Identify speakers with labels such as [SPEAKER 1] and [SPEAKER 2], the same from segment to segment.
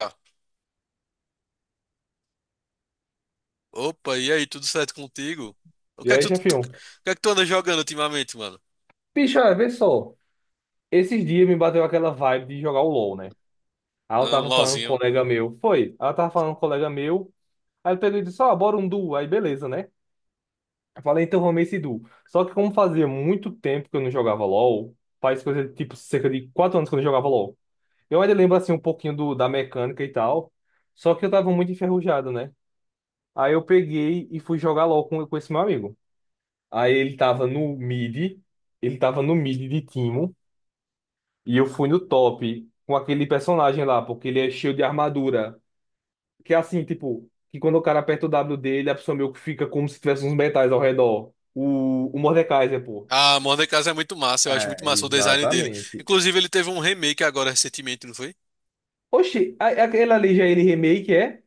[SPEAKER 1] Ah, opa, e aí, tudo certo contigo? O que
[SPEAKER 2] E
[SPEAKER 1] é
[SPEAKER 2] aí,
[SPEAKER 1] que
[SPEAKER 2] chefinho?
[SPEAKER 1] o que é que tu anda jogando ultimamente, mano?
[SPEAKER 2] Bicho, olha, vê só. Esses dias me bateu aquela vibe de jogar o LoL, né? Aí eu
[SPEAKER 1] Ah, um
[SPEAKER 2] tava falando com um
[SPEAKER 1] LOLzinho.
[SPEAKER 2] colega meu. Foi. Aí eu tava falando com um colega meu. Aí ele pegou e disse, ó, bora um duo. Aí beleza, né? Eu falei, então vamos esse duo. Só que como fazia muito tempo que eu não jogava LoL, faz coisa de, tipo cerca de 4 anos que eu não jogava LoL. Eu ainda lembro assim um pouquinho da mecânica e tal. Só que eu tava muito enferrujado, né? Aí eu peguei e fui jogar LoL com esse meu amigo. Aí ele tava no mid. Ele tava no mid de Timo. E eu fui no top com aquele personagem lá, porque ele é cheio de armadura. Que é assim, tipo, que quando o cara aperta o W dele, a pessoa meio que fica como se tivesse uns metais ao redor. O Mordekaiser, pô.
[SPEAKER 1] Ah, Modern Casa é muito massa, eu acho muito
[SPEAKER 2] É,
[SPEAKER 1] massa o design dele.
[SPEAKER 2] exatamente.
[SPEAKER 1] Inclusive, ele teve um remake agora recentemente, não foi?
[SPEAKER 2] Oxi, aquele ali já é ele remake, é?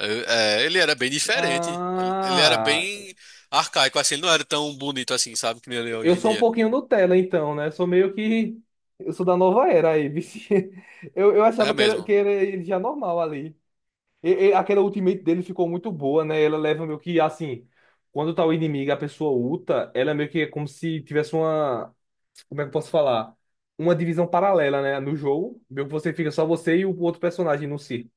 [SPEAKER 1] É, é, ele era bem diferente. Ele era
[SPEAKER 2] Ah,
[SPEAKER 1] bem arcaico, assim, ele não era tão bonito assim, sabe, que nem ele é
[SPEAKER 2] eu
[SPEAKER 1] hoje em
[SPEAKER 2] sou um
[SPEAKER 1] dia.
[SPEAKER 2] pouquinho Nutella, então, né? Sou meio que. Eu sou da nova era aí, vixe. Eu
[SPEAKER 1] É
[SPEAKER 2] achava que era,
[SPEAKER 1] mesmo.
[SPEAKER 2] que era ele já normal ali. Aquela ultimate dele ficou muito boa, né? Ela leva meio que assim, quando tá o inimigo, e a pessoa ulta, ela meio que é como se tivesse uma, como é que eu posso falar? Uma divisão paralela, né? No jogo, meio que você fica só você e o outro personagem no si,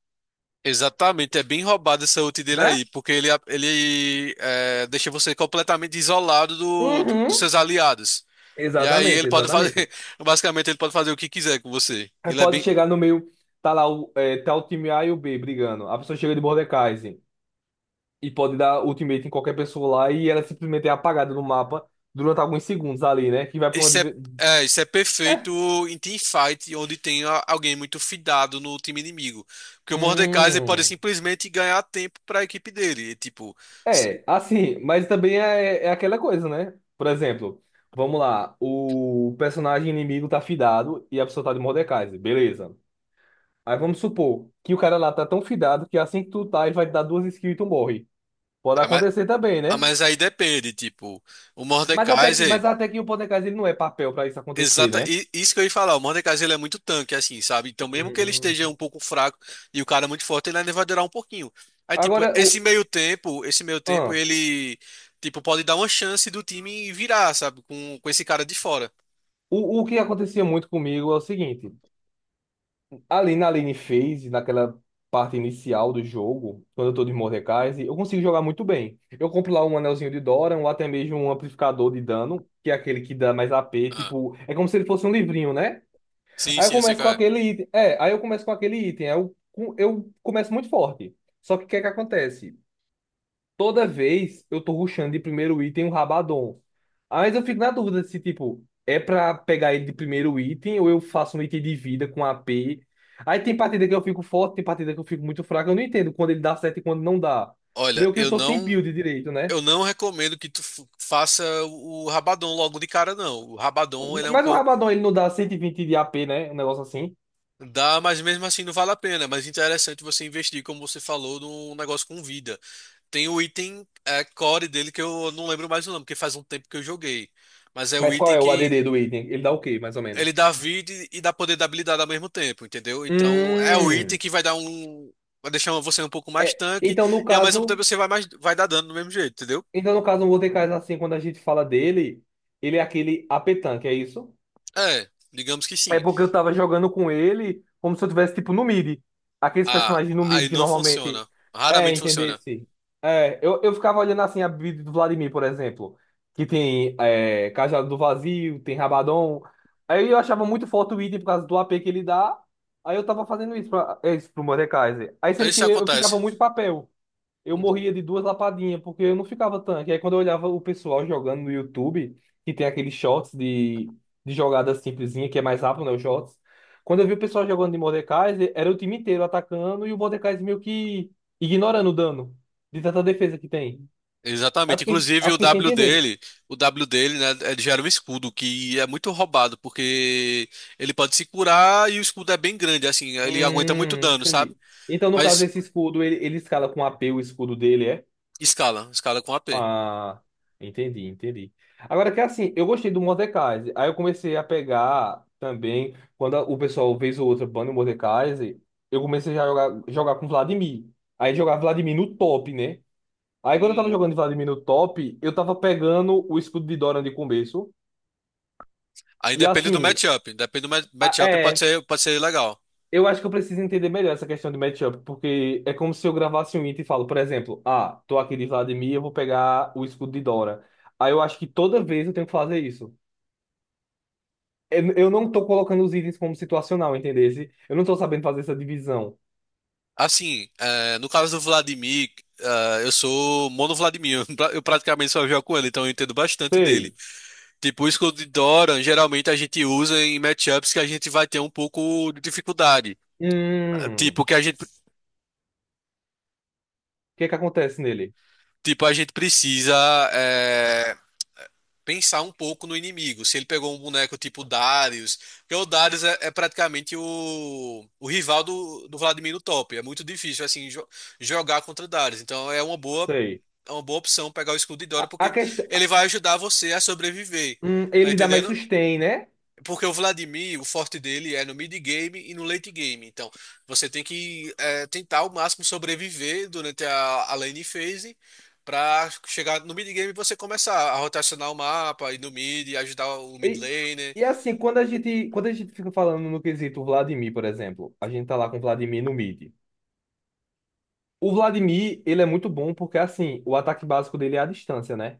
[SPEAKER 1] Exatamente, é bem roubado essa ult dele
[SPEAKER 2] né?
[SPEAKER 1] aí, porque ele é, deixa você completamente isolado dos
[SPEAKER 2] Uhum.
[SPEAKER 1] seus aliados. E aí
[SPEAKER 2] Exatamente,
[SPEAKER 1] ele pode fazer,
[SPEAKER 2] exatamente.
[SPEAKER 1] basicamente ele pode fazer o que quiser com você.
[SPEAKER 2] Aí
[SPEAKER 1] Ele é
[SPEAKER 2] pode
[SPEAKER 1] bem,
[SPEAKER 2] chegar no meio, tá lá tá o time A e o B brigando. A pessoa chega de Mordekaiser e pode dar ultimate em qualquer pessoa lá e ela simplesmente é apagada no mapa durante alguns segundos ali, né? Que vai pra uma.
[SPEAKER 1] isso é,
[SPEAKER 2] divi-
[SPEAKER 1] é, isso é perfeito em teamfight, onde tem alguém muito fidado no time inimigo. Porque o Mordekaiser ele pode
[SPEAKER 2] Hum,
[SPEAKER 1] simplesmente ganhar tempo para a equipe dele. E, tipo, se,
[SPEAKER 2] assim, mas também é aquela coisa, né? Por exemplo, vamos lá, o personagem inimigo tá fidado e a pessoa tá de Mordekaiser, beleza. Aí vamos supor que o cara lá tá tão fidado que assim que tu tá, ele vai te dar duas skills e tu morre. Pode
[SPEAKER 1] ah, mas,
[SPEAKER 2] acontecer também,
[SPEAKER 1] ah,
[SPEAKER 2] né?
[SPEAKER 1] mas aí depende, tipo, o
[SPEAKER 2] Mas até que,
[SPEAKER 1] Mordekaiser.
[SPEAKER 2] mas até que o Mordekaiser ele não é papel pra isso acontecer,
[SPEAKER 1] Exata,
[SPEAKER 2] né?
[SPEAKER 1] e- isso que eu ia falar, o Mordekaiser ele é muito tanque, assim, sabe? Então, mesmo que ele
[SPEAKER 2] Uhum.
[SPEAKER 1] esteja um pouco fraco e o cara é muito forte, ele ainda vai durar um pouquinho. Aí, tipo,
[SPEAKER 2] Agora, o,
[SPEAKER 1] esse meio tempo,
[SPEAKER 2] ah,
[SPEAKER 1] ele, tipo, pode dar uma chance do time virar, sabe? Com esse cara de fora.
[SPEAKER 2] o, o que acontecia muito comigo é o seguinte. Ali na lane phase, naquela parte inicial do jogo, quando eu tô de Mordekaiser, eu consigo jogar muito bem. Eu compro lá um anelzinho de Doran, ou até mesmo um amplificador de dano, que é aquele que dá mais AP,
[SPEAKER 1] Aham.
[SPEAKER 2] tipo, é como se ele fosse um livrinho, né?
[SPEAKER 1] Sim,
[SPEAKER 2] Aí eu
[SPEAKER 1] sim, eu sei
[SPEAKER 2] começo com
[SPEAKER 1] qual é.
[SPEAKER 2] aquele item, aí eu começo muito forte. Só que o que é que acontece? Toda vez eu tô rushando de primeiro item o Rabadon. Mas eu fico na dúvida se, tipo, é pra pegar ele de primeiro item ou eu faço um item de vida com AP. Aí tem partida que eu fico forte, tem partida que eu fico muito fraco. Eu não entendo quando ele dá certo e quando não dá.
[SPEAKER 1] Olha,
[SPEAKER 2] Meio que eu tô sem build direito, né?
[SPEAKER 1] eu não recomendo que tu f- faça o Rabadon logo de cara, não. O Rabadon, ele é um
[SPEAKER 2] Mas o
[SPEAKER 1] pouco.
[SPEAKER 2] Rabadon, ele não dá 120 de AP, né? Um negócio assim.
[SPEAKER 1] Dá, mas mesmo assim não vale a pena. Mas interessante você investir, como você falou, num negócio com vida. Tem o item é, core dele que eu não lembro mais o nome, porque faz um tempo que eu joguei. Mas é o
[SPEAKER 2] Mas qual
[SPEAKER 1] item
[SPEAKER 2] é o
[SPEAKER 1] que
[SPEAKER 2] ADD do item? Ele dá o quê, mais ou
[SPEAKER 1] ele
[SPEAKER 2] menos?
[SPEAKER 1] dá vida e dá poder da habilidade ao mesmo tempo, entendeu? Então é o item
[SPEAKER 2] Hum.
[SPEAKER 1] que vai dar um. Vai deixar você um pouco mais
[SPEAKER 2] É,
[SPEAKER 1] tanque
[SPEAKER 2] então, no
[SPEAKER 1] e ao mesmo
[SPEAKER 2] caso,
[SPEAKER 1] tempo você vai mais vai dar dano do mesmo jeito, entendeu?
[SPEAKER 2] então, no caso, o Mordekaiser, assim, quando a gente fala dele, ele é aquele AP tanque, é isso?
[SPEAKER 1] É, digamos que
[SPEAKER 2] É
[SPEAKER 1] sim.
[SPEAKER 2] porque eu tava jogando com ele como se eu tivesse, tipo, no mid. Aqueles
[SPEAKER 1] Ah,
[SPEAKER 2] personagens no
[SPEAKER 1] aí
[SPEAKER 2] mid que
[SPEAKER 1] não
[SPEAKER 2] normalmente.
[SPEAKER 1] funciona.
[SPEAKER 2] É,
[SPEAKER 1] Raramente funciona.
[SPEAKER 2] entendesse. É, eu ficava olhando assim a build do Vladimir, por exemplo. Que tem Cajado do Vazio, tem Rabadon. Aí eu achava muito forte o item por causa do AP que ele dá. Aí eu tava fazendo isso pro Mordekaiser. Aí sendo que
[SPEAKER 1] Isso
[SPEAKER 2] eu
[SPEAKER 1] acontece.
[SPEAKER 2] ficava muito papel. Eu
[SPEAKER 1] Uhum.
[SPEAKER 2] morria de duas lapadinhas, porque eu não ficava tanque. Aí quando eu olhava o pessoal jogando no YouTube, que tem aqueles shots de jogada simplesinha, que é mais rápido, né, os shots. Quando eu vi o pessoal jogando de Mordekaiser, era o time inteiro atacando e o Mordekaiser meio que ignorando o dano de tanta defesa que tem. Aí eu
[SPEAKER 1] Exatamente.
[SPEAKER 2] fiquei, aí
[SPEAKER 1] Inclusive
[SPEAKER 2] eu fiquei sem entender.
[SPEAKER 1] O W dele, né, é- gera um escudo que é muito roubado, porque ele pode se curar e o escudo é bem grande, assim, ele aguenta muito dano, sabe?
[SPEAKER 2] Entendi. Então, no caso,
[SPEAKER 1] Mas
[SPEAKER 2] esse escudo, ele escala com AP, o escudo dele, é?
[SPEAKER 1] escala, escala com AP.
[SPEAKER 2] Ah, entendi, entendi. Agora que é assim, eu gostei do Mordekaiser. Aí eu comecei a pegar também, quando o pessoal fez o outro bando do Mordekaiser, eu comecei já a jogar com Vladimir. Aí jogar Vladimir no top, né? Aí quando eu tava
[SPEAKER 1] Hum.
[SPEAKER 2] jogando de Vladimir no top, eu tava pegando o escudo de Dorian de começo.
[SPEAKER 1] Aí
[SPEAKER 2] E
[SPEAKER 1] depende do
[SPEAKER 2] assim,
[SPEAKER 1] matchup, depende do ma-
[SPEAKER 2] a-
[SPEAKER 1] matchup,
[SPEAKER 2] é,
[SPEAKER 1] pode ser legal.
[SPEAKER 2] eu acho que eu preciso entender melhor essa questão de matchup, porque é como se eu gravasse um item e falo, por exemplo, ah, tô aqui de Vladimir, eu vou pegar o escudo de Dora. Aí eu acho que toda vez eu tenho que fazer isso. Eu não tô colocando os itens como situacional, entendeu? Eu não tô sabendo fazer essa divisão.
[SPEAKER 1] Assim, é, no caso do Vladimir, é, eu sou mono Vladimir, eu praticamente só jogo com ele, então eu entendo bastante dele.
[SPEAKER 2] Sei.
[SPEAKER 1] Tipo, o escudo de Doran, geralmente a gente usa em matchups que a gente vai ter um pouco de dificuldade.
[SPEAKER 2] Hum. O
[SPEAKER 1] Tipo, que a gente,
[SPEAKER 2] que que acontece nele?
[SPEAKER 1] tipo, a gente precisa é, pensar um pouco no inimigo. Se ele pegou um boneco tipo Darius, porque o Darius é, é praticamente o rival do Vladimir no top. É muito difícil assim jo- jogar contra Darius.
[SPEAKER 2] Sei.
[SPEAKER 1] É uma boa opção pegar o escudo de
[SPEAKER 2] A,
[SPEAKER 1] Dora,
[SPEAKER 2] a
[SPEAKER 1] porque
[SPEAKER 2] questão.
[SPEAKER 1] ele vai ajudar você a sobreviver. Tá
[SPEAKER 2] Ele dá mais
[SPEAKER 1] entendendo?
[SPEAKER 2] sustain, né?
[SPEAKER 1] Porque o Vladimir, o forte dele é no mid game e no late game. Então, você tem que é, tentar ao máximo sobreviver durante a lane phase para chegar no mid game e você começar a rotacionar o mapa, ir no mid, ajudar o mid
[SPEAKER 2] E,
[SPEAKER 1] laner.
[SPEAKER 2] e assim, quando a gente fica falando no quesito Vladimir, por exemplo, a gente tá lá com o Vladimir no mid. O Vladimir, ele é muito bom porque, assim, o ataque básico dele é a distância, né?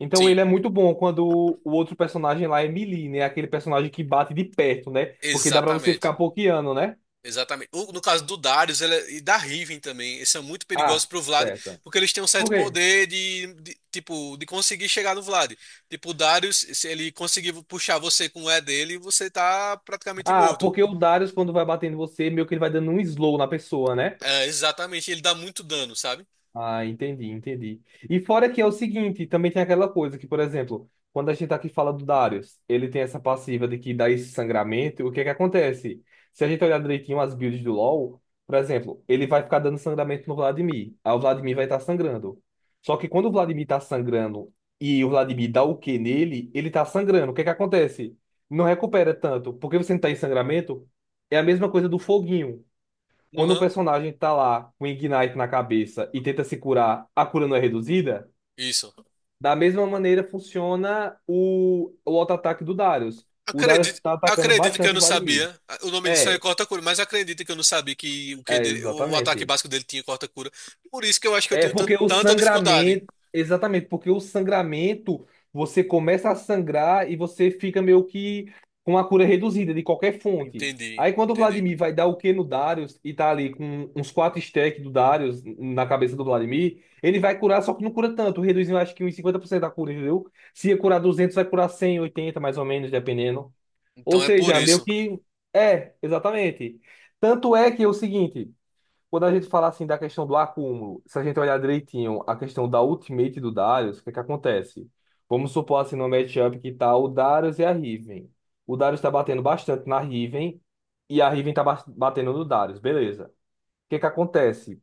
[SPEAKER 2] Então
[SPEAKER 1] Sim,
[SPEAKER 2] ele é muito bom quando o outro personagem lá é melee, né? Aquele personagem que bate de perto, né? Porque dá pra você
[SPEAKER 1] exatamente.
[SPEAKER 2] ficar pokeando, né?
[SPEAKER 1] Exatamente. O- No caso do Darius ele é- e da Riven também, eles são muito perigosos
[SPEAKER 2] Ah,
[SPEAKER 1] pro Vlad,
[SPEAKER 2] certo.
[SPEAKER 1] porque eles têm um
[SPEAKER 2] Por
[SPEAKER 1] certo
[SPEAKER 2] quê?
[SPEAKER 1] poder de- tipo, de conseguir chegar no Vlad. Tipo, o Darius, se ele conseguir puxar você com o E dele, você tá praticamente
[SPEAKER 2] Ah,
[SPEAKER 1] morto.
[SPEAKER 2] porque o Darius, quando vai batendo em você, meio que ele vai dando um slow na pessoa, né?
[SPEAKER 1] É, exatamente, ele dá muito dano, sabe?
[SPEAKER 2] Ah, entendi, entendi. E fora que é o seguinte, também tem aquela coisa que, por exemplo, quando a gente tá aqui fala do Darius, ele tem essa passiva de que dá esse sangramento, o que é que acontece? Se a gente olhar direitinho as builds do LoL, por exemplo, ele vai ficar dando sangramento no Vladimir, aí o Vladimir vai estar sangrando. Só que quando o Vladimir tá sangrando e o Vladimir dá o Q nele, ele tá sangrando, o que é que acontece? Não recupera tanto, porque você não tá em sangramento, é a mesma coisa do foguinho. Quando o
[SPEAKER 1] Uhum,
[SPEAKER 2] personagem tá lá com Ignite na cabeça e tenta se curar, a cura não é reduzida?
[SPEAKER 1] isso.
[SPEAKER 2] Da mesma maneira funciona o auto-ataque do Darius. O Darius
[SPEAKER 1] Acredito,
[SPEAKER 2] tá atacando
[SPEAKER 1] acredito que eu
[SPEAKER 2] bastante o
[SPEAKER 1] não
[SPEAKER 2] Vladimir.
[SPEAKER 1] sabia. O nome disso é
[SPEAKER 2] É,
[SPEAKER 1] corta-cura, mas acredito que eu não sabia que o
[SPEAKER 2] é
[SPEAKER 1] QD, o ataque
[SPEAKER 2] exatamente.
[SPEAKER 1] básico dele tinha corta-cura. Por isso que eu acho que eu
[SPEAKER 2] É
[SPEAKER 1] tenho tan-
[SPEAKER 2] porque o
[SPEAKER 1] tanta dificuldade.
[SPEAKER 2] sangramento, exatamente, porque o sangramento, você começa a sangrar e você fica meio que com a cura reduzida de qualquer fonte.
[SPEAKER 1] Entendi,
[SPEAKER 2] Aí quando o
[SPEAKER 1] entendi.
[SPEAKER 2] Vladimir vai dar o Q no Darius e tá ali com uns 4 stacks do Darius na cabeça do Vladimir, ele vai curar, só que não cura tanto, reduzindo acho que uns 50% da cura, entendeu? Se ia curar 200 vai curar 180 mais ou menos, dependendo. Ou
[SPEAKER 1] Então é por
[SPEAKER 2] seja, meio
[SPEAKER 1] isso.
[SPEAKER 2] que... É, exatamente. Tanto é que é o seguinte... Quando a gente falar assim da questão do acúmulo, se a gente olhar direitinho a questão da ultimate do Darius, o que é que acontece? Vamos supor assim no matchup que tá o Darius e a Riven. O Darius tá batendo bastante na Riven e a Riven tá batendo no Darius, beleza. O que é que acontece?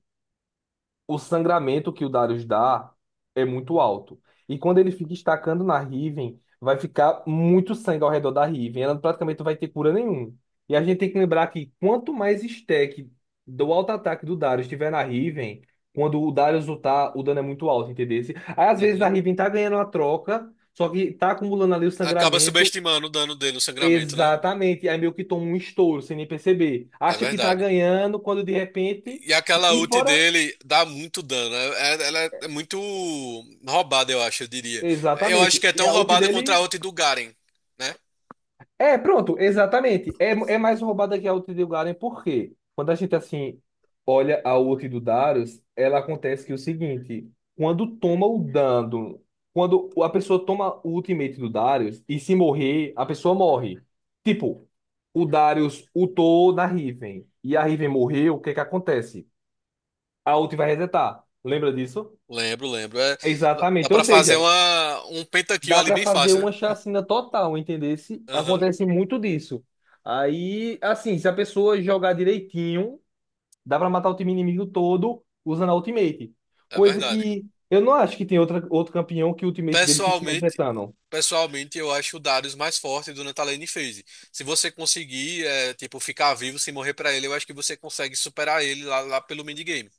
[SPEAKER 2] O sangramento que o Darius dá é muito alto. E quando ele fica estacando na Riven, vai ficar muito sangue ao redor da Riven. Ela praticamente não vai ter cura nenhuma. E a gente tem que lembrar que quanto mais stack do auto-ataque do Darius estiver na Riven, quando o Darius lutar, o dano é muito alto, entendeu? Aí às vezes a
[SPEAKER 1] Uhum.
[SPEAKER 2] Riven tá ganhando a troca, só que tá acumulando ali o
[SPEAKER 1] Acaba
[SPEAKER 2] sangramento.
[SPEAKER 1] subestimando o dano dele, o sangramento, né?
[SPEAKER 2] Exatamente. Aí meio que toma um estouro sem nem perceber.
[SPEAKER 1] É
[SPEAKER 2] Acha que tá
[SPEAKER 1] verdade.
[SPEAKER 2] ganhando, quando de repente.
[SPEAKER 1] E aquela
[SPEAKER 2] E
[SPEAKER 1] ult
[SPEAKER 2] fora
[SPEAKER 1] dele dá muito dano. É- é- ela é muito roubada, eu acho, eu diria. Eu acho
[SPEAKER 2] Exatamente.
[SPEAKER 1] que é
[SPEAKER 2] E
[SPEAKER 1] tão
[SPEAKER 2] a ult
[SPEAKER 1] roubada contra
[SPEAKER 2] dele.
[SPEAKER 1] a ult do Garen, né?
[SPEAKER 2] É, pronto, exatamente. É mais roubada que a ult do Garen, por quê? Quando a gente, assim, olha a ult do Darius, ela acontece que é o seguinte: quando toma o dano, quando a pessoa toma o ultimate do Darius e se morrer, a pessoa morre. Tipo, o Darius ultou na Riven e a Riven morreu, o que é que acontece? A ult vai resetar. Lembra disso?
[SPEAKER 1] Lembro, lembro. É- dá
[SPEAKER 2] Exatamente. Ou
[SPEAKER 1] pra fazer
[SPEAKER 2] seja,
[SPEAKER 1] uma, um pentakill
[SPEAKER 2] dá
[SPEAKER 1] ali
[SPEAKER 2] para
[SPEAKER 1] bem
[SPEAKER 2] fazer
[SPEAKER 1] fácil,
[SPEAKER 2] uma
[SPEAKER 1] né?
[SPEAKER 2] chacina total, entendesse?
[SPEAKER 1] Aham,
[SPEAKER 2] Acontece muito disso. Aí, assim, se a pessoa jogar direitinho, dá para matar o time inimigo todo usando a ultimate.
[SPEAKER 1] é
[SPEAKER 2] Coisa
[SPEAKER 1] verdade.
[SPEAKER 2] que eu não acho que tem outra, outro campeão que o ultimate dele fique
[SPEAKER 1] Pessoalmente,
[SPEAKER 2] resetando.
[SPEAKER 1] Pessoalmente, eu acho o Darius mais forte do Natalane FaZe. Se você conseguir, é, tipo, ficar vivo sem morrer pra ele, eu acho que você consegue superar ele lá, lá pelo minigame,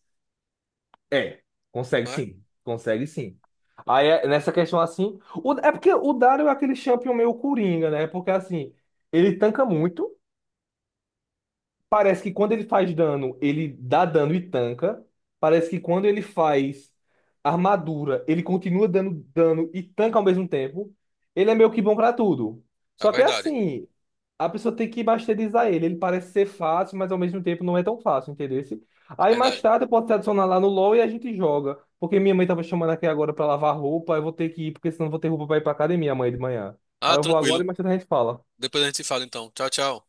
[SPEAKER 2] É, consegue
[SPEAKER 1] não é?
[SPEAKER 2] sim, consegue sim. Aí, nessa questão assim, é porque o Dario é aquele champion meio coringa, né? Porque assim, ele tanca muito. Parece que quando ele faz dano, ele dá dano e tanca. Parece que quando ele faz armadura, ele continua dando dano e tanca ao mesmo tempo. Ele é meio que bom pra tudo.
[SPEAKER 1] É
[SPEAKER 2] Só que é
[SPEAKER 1] verdade,
[SPEAKER 2] assim, a pessoa tem que masterizar ele. Ele parece ser fácil, mas ao mesmo tempo não é tão fácil, entendeu?
[SPEAKER 1] é
[SPEAKER 2] Aí mais
[SPEAKER 1] verdade.
[SPEAKER 2] tarde eu posso te adicionar lá no LoL e a gente joga. Porque minha mãe tava chamando aqui agora pra lavar roupa, eu vou ter que ir, porque senão eu vou ter roupa pra ir pra academia amanhã de manhã. Aí
[SPEAKER 1] Ah,
[SPEAKER 2] eu vou agora
[SPEAKER 1] tranquilo.
[SPEAKER 2] e mais tarde a gente fala.
[SPEAKER 1] Depois a gente se fala então. Tchau, tchau.